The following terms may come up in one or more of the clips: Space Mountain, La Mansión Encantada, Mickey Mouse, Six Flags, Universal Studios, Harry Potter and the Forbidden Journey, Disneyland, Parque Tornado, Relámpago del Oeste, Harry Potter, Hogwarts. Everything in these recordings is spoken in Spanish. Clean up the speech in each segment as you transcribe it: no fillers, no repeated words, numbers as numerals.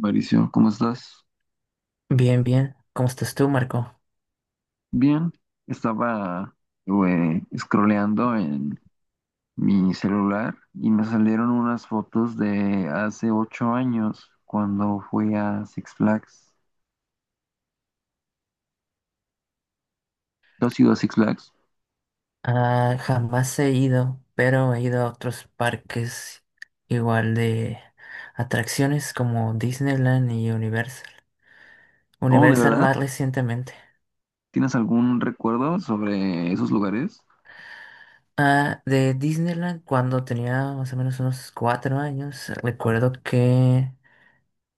Mauricio, ¿cómo estás? Bien, bien. ¿Cómo estás tú, Marco? Bien, estaba scrolleando en mi celular y me salieron unas fotos de hace 8 años cuando fui a Six Flags. ¿Tú has ido a Six Flags? Ah, jamás he ido, pero he ido a otros parques igual de atracciones como Disneyland y Universal. Oh, ¿de Universal verdad? más recientemente. ¿Tienes algún recuerdo sobre esos lugares? Ah, de Disneyland cuando tenía más o menos unos cuatro años, recuerdo que,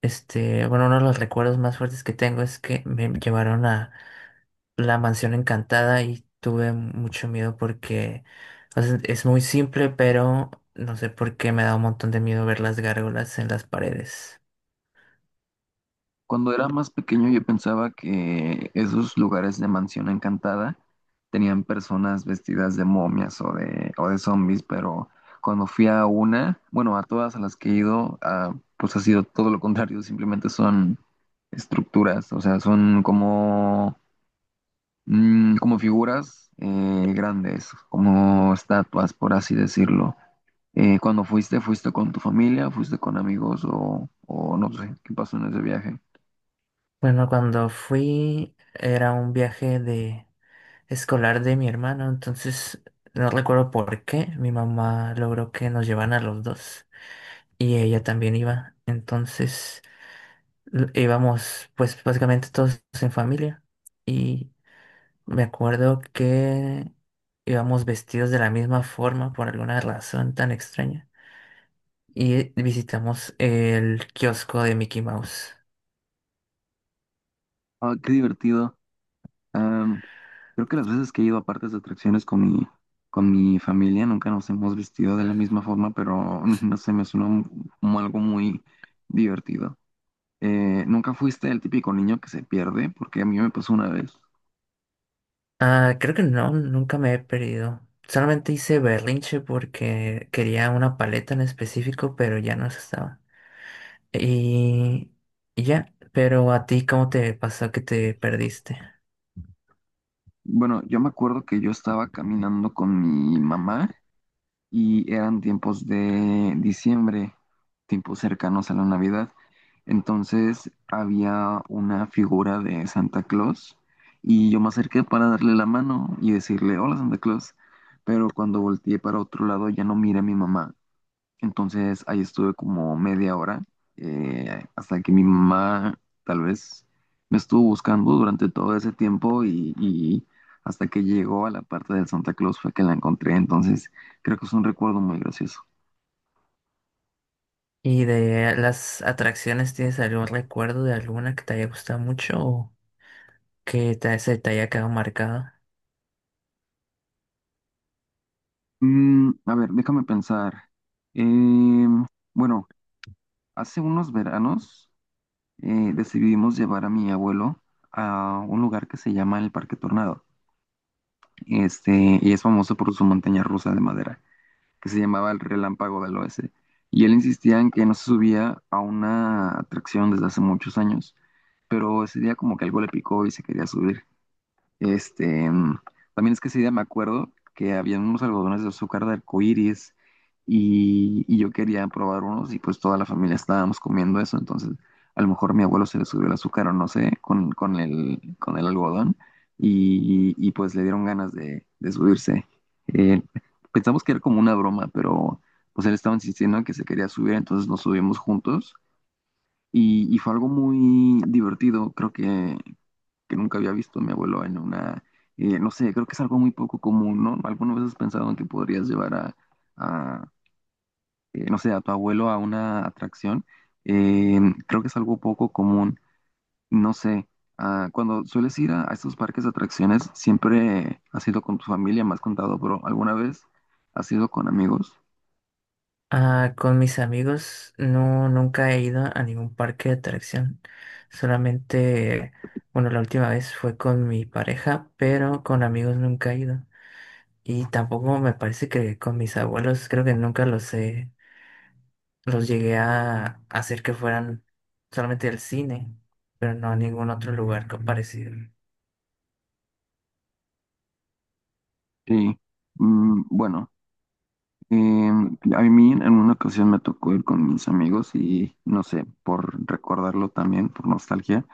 bueno, uno de los recuerdos más fuertes que tengo es que me llevaron a La Mansión Encantada y tuve mucho miedo porque, o sea, es muy simple, pero no sé por qué me da un montón de miedo ver las gárgolas en las paredes. Cuando era más pequeño yo pensaba que esos lugares de mansión encantada tenían personas vestidas de momias o de zombies, pero cuando fui a una, bueno, a todas a las que he ido, ah, pues ha sido todo lo contrario, simplemente son estructuras, o sea, son como como figuras grandes, como estatuas, por así decirlo. Cuando fuiste, ¿fuiste con tu familia? ¿Fuiste con amigos? O no sé, ¿qué pasó en ese viaje? Bueno, cuando fui era un viaje de escolar de mi hermano, entonces no recuerdo por qué mi mamá logró que nos llevaran a los dos y ella también iba. Entonces íbamos pues básicamente todos en familia. Y Me acuerdo que íbamos vestidos de la misma forma por alguna razón tan extraña. Y visitamos el kiosco de Mickey Mouse. Ah, qué divertido. Am, Creo que las veces que he ido a partes de atracciones con mi familia nunca nos hemos vestido de la misma forma, pero no sé, como algo muy divertido. ¿Nunca fuiste el típico niño que se pierde? Porque a mí me pasó una vez. Ah, creo que no, nunca me he perdido. Solamente hice berrinche porque quería una paleta en específico, pero ya no se estaba. Y, y ya, pero a ti, ¿cómo te pasó que te perdiste? Bueno, yo me acuerdo que yo estaba caminando con mi mamá y eran tiempos de diciembre, tiempos cercanos a la Navidad. Entonces había una figura de Santa Claus y yo me acerqué para darle la mano y decirle, hola Santa Claus, pero cuando volteé para otro lado ya no miré a mi mamá, entonces ahí estuve como media hora hasta que mi mamá tal vez me estuvo buscando durante todo ese tiempo y hasta que llegó a la parte del Santa Claus fue que la encontré. Entonces creo que es un recuerdo muy gracioso. ¿Y de las atracciones tienes algún recuerdo de alguna que te haya gustado mucho o se te haya quedado marcado? Mm, a ver, déjame pensar. Em, bueno, hace unos veranos decidimos llevar a mi abuelo a un lugar que se llama el Parque Tornado. Y es famoso por su montaña rusa de madera, que se llamaba el Relámpago del Oeste. Y él insistía en que no se subía a una atracción desde hace muchos años, pero ese día como que algo le picó y se quería subir. Este, mm, También es que ese día me acuerdo que había unos algodones de azúcar de arcoíris y yo quería probar unos y pues toda la familia estábamos comiendo eso, entonces a lo mejor mi abuelo se le subió el azúcar o no sé, con el algodón y pues le dieron ganas de subirse. Eh, Pensamos que era como una broma, pero pues él estaba insistiendo en que se quería subir, entonces nos subimos juntos y fue algo muy divertido, creo que nunca había visto a mi abuelo en una, no sé, creo que es algo muy poco común, ¿no? ¿Alguna vez has pensado en que podrías llevar a, no sé, a tu abuelo a una atracción? Eh, Creo que es algo poco común, no sé. Ah, cuando sueles ir a estos parques de atracciones, siempre has ido con tu familia, me has contado, pero ¿alguna vez has ido con amigos? Ah, con mis amigos no, nunca he ido a ningún parque de atracción. Solamente, bueno, la última vez fue con mi pareja, pero con amigos nunca he ido. Y tampoco me parece que con mis abuelos, creo que nunca los llegué a hacer que fueran solamente al cine, pero no a ningún otro lugar parecido. Sí. Mm, bueno. A mí en una ocasión me tocó ir con mis amigos y no sé, por recordarlo también, por nostalgia,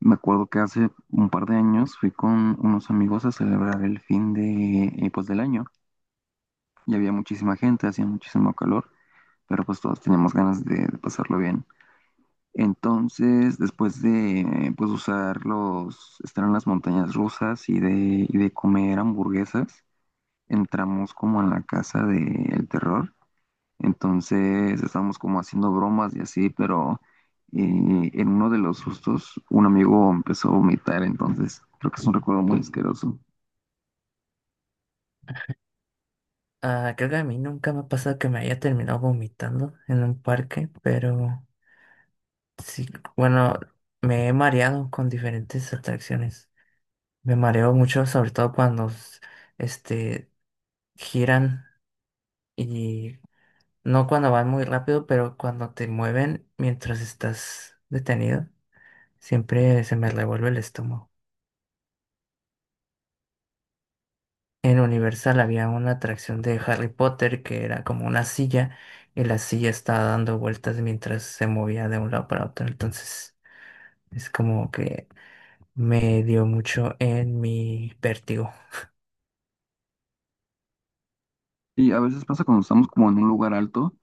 me acuerdo que hace un par de años fui con unos amigos a celebrar el fin de, pues, del año y había muchísima gente, hacía muchísimo calor, pero pues todos teníamos ganas de pasarlo bien. Entonces, después de estar en las montañas rusas y de comer hamburguesas, entramos como en la casa del terror. Entonces estábamos como haciendo bromas y así, pero en uno de los sustos un amigo empezó a vomitar, entonces creo que es un recuerdo muy asqueroso. Ah, creo que a mí nunca me ha pasado que me haya terminado vomitando en un parque, pero sí, bueno, me he mareado con diferentes atracciones. Me mareo mucho, sobre todo cuando este giran, y no cuando van muy rápido, pero cuando te mueven mientras estás detenido, siempre se me revuelve el estómago. En Universal había una atracción de Harry Potter que era como una silla y la silla estaba dando vueltas mientras se movía de un lado para otro. Entonces es como que me dio mucho en mi vértigo. Y a veces pasa cuando estamos como en un lugar alto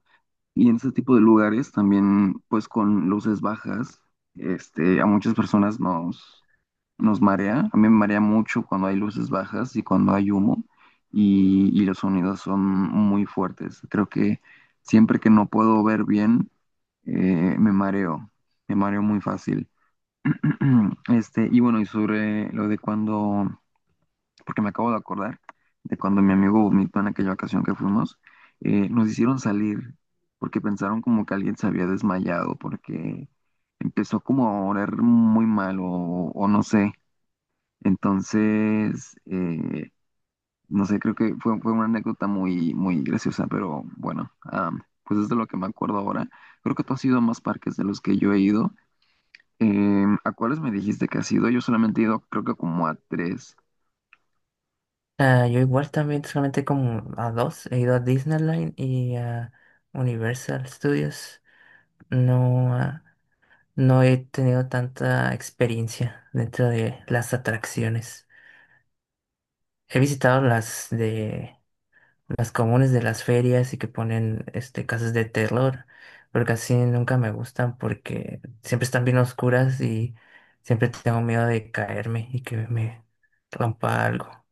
y en ese tipo de lugares también pues con luces bajas, a muchas nos marea. A mí me marea mucho cuando hay luces bajas y cuando hay humo y los sonidos son muy fuertes. Creo que siempre que no puedo ver bien, eh, me mareo, me mareo muy fácil. Y bueno, y sobre lo de porque me acabo de acordar de cuando mi amigo vomitó en aquella ocasión que fuimos, nos hicieron salir porque pensaron como que alguien se había desmayado, porque empezó como a oler muy mal o no sé. Entonces, no sé, fue una anécdota muy, muy graciosa, pero bueno, pues es de lo que me acuerdo ahora. Creo que tú has ido a más parques de los que yo he ido. ¿A cuáles me dijiste que has ido? Yo solamente he ido, creo que como a 3. Ah, yo igual también solamente como a dos. He ido a Disneyland y a Universal Studios. No, ah, no he tenido tanta experiencia dentro de las atracciones. He visitado las de las comunes de las ferias y que ponen este casas de terror, pero casi nunca me gustan porque siempre están bien oscuras y siempre tengo miedo de caerme y que me rompa algo.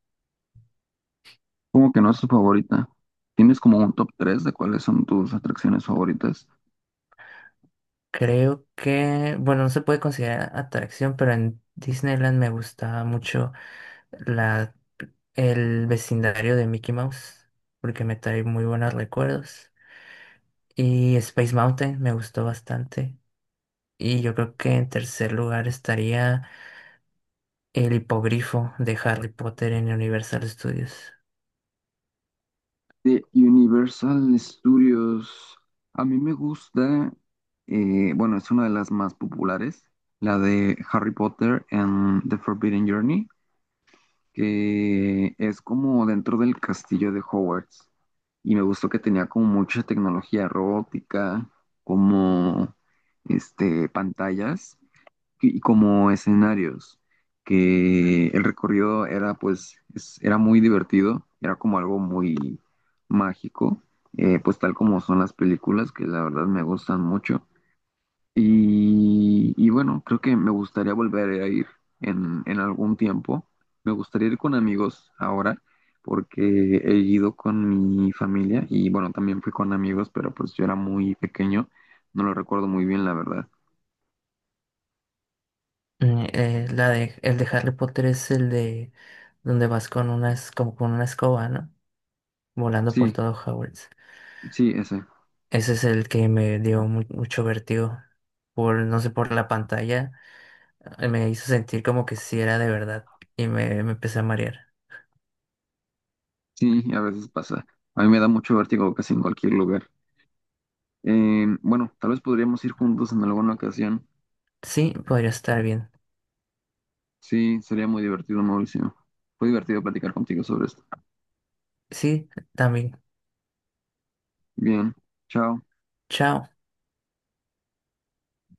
Como que no es tu favorita. ¿Tienes como un top 3 de cuáles son tus atracciones favoritas? Creo que, bueno, no se puede considerar atracción, pero en Disneyland me gustaba mucho la, el vecindario de Mickey Mouse, porque me trae muy buenos recuerdos. Y Space Mountain me gustó bastante. Y yo creo que en tercer lugar estaría el hipogrifo de Harry Potter en Universal Studios. De Universal Studios. A mí me gusta, bueno, es una de las más populares, la de Harry Potter and the Forbidden Journey, que es como dentro del castillo de Hogwarts. Y me gustó que tenía como mucha tecnología robótica, como pantallas y como escenarios, que el recorrido era era muy divertido, era como algo muy mágico, pues tal como son las películas, que la verdad me gustan mucho. Y bueno, creo que me gustaría volver a ir en algún tiempo. Me gustaría ir con amigos ahora, porque he ido con mi familia y bueno, también fui con amigos, pero pues yo era muy pequeño, no lo recuerdo muy bien, la verdad. La de, el de Harry Potter es el de donde vas con una, como con una escoba, ¿no? Volando por Sí, todo Hogwarts. sí, ese. Ese es el que me dio mucho vértigo. Por, no sé, por la pantalla. Me hizo sentir como que sí era de verdad. Y me empecé a marear. Sí, a veces pasa. A mí me da mucho vértigo casi en cualquier lugar. Bueno, tal vez podríamos ir juntos en alguna ocasión. Sí, podría estar bien. Sí, sería muy divertido, Mauricio. Fue divertido platicar contigo sobre esto. Sí, también. Bien, chao. Chao.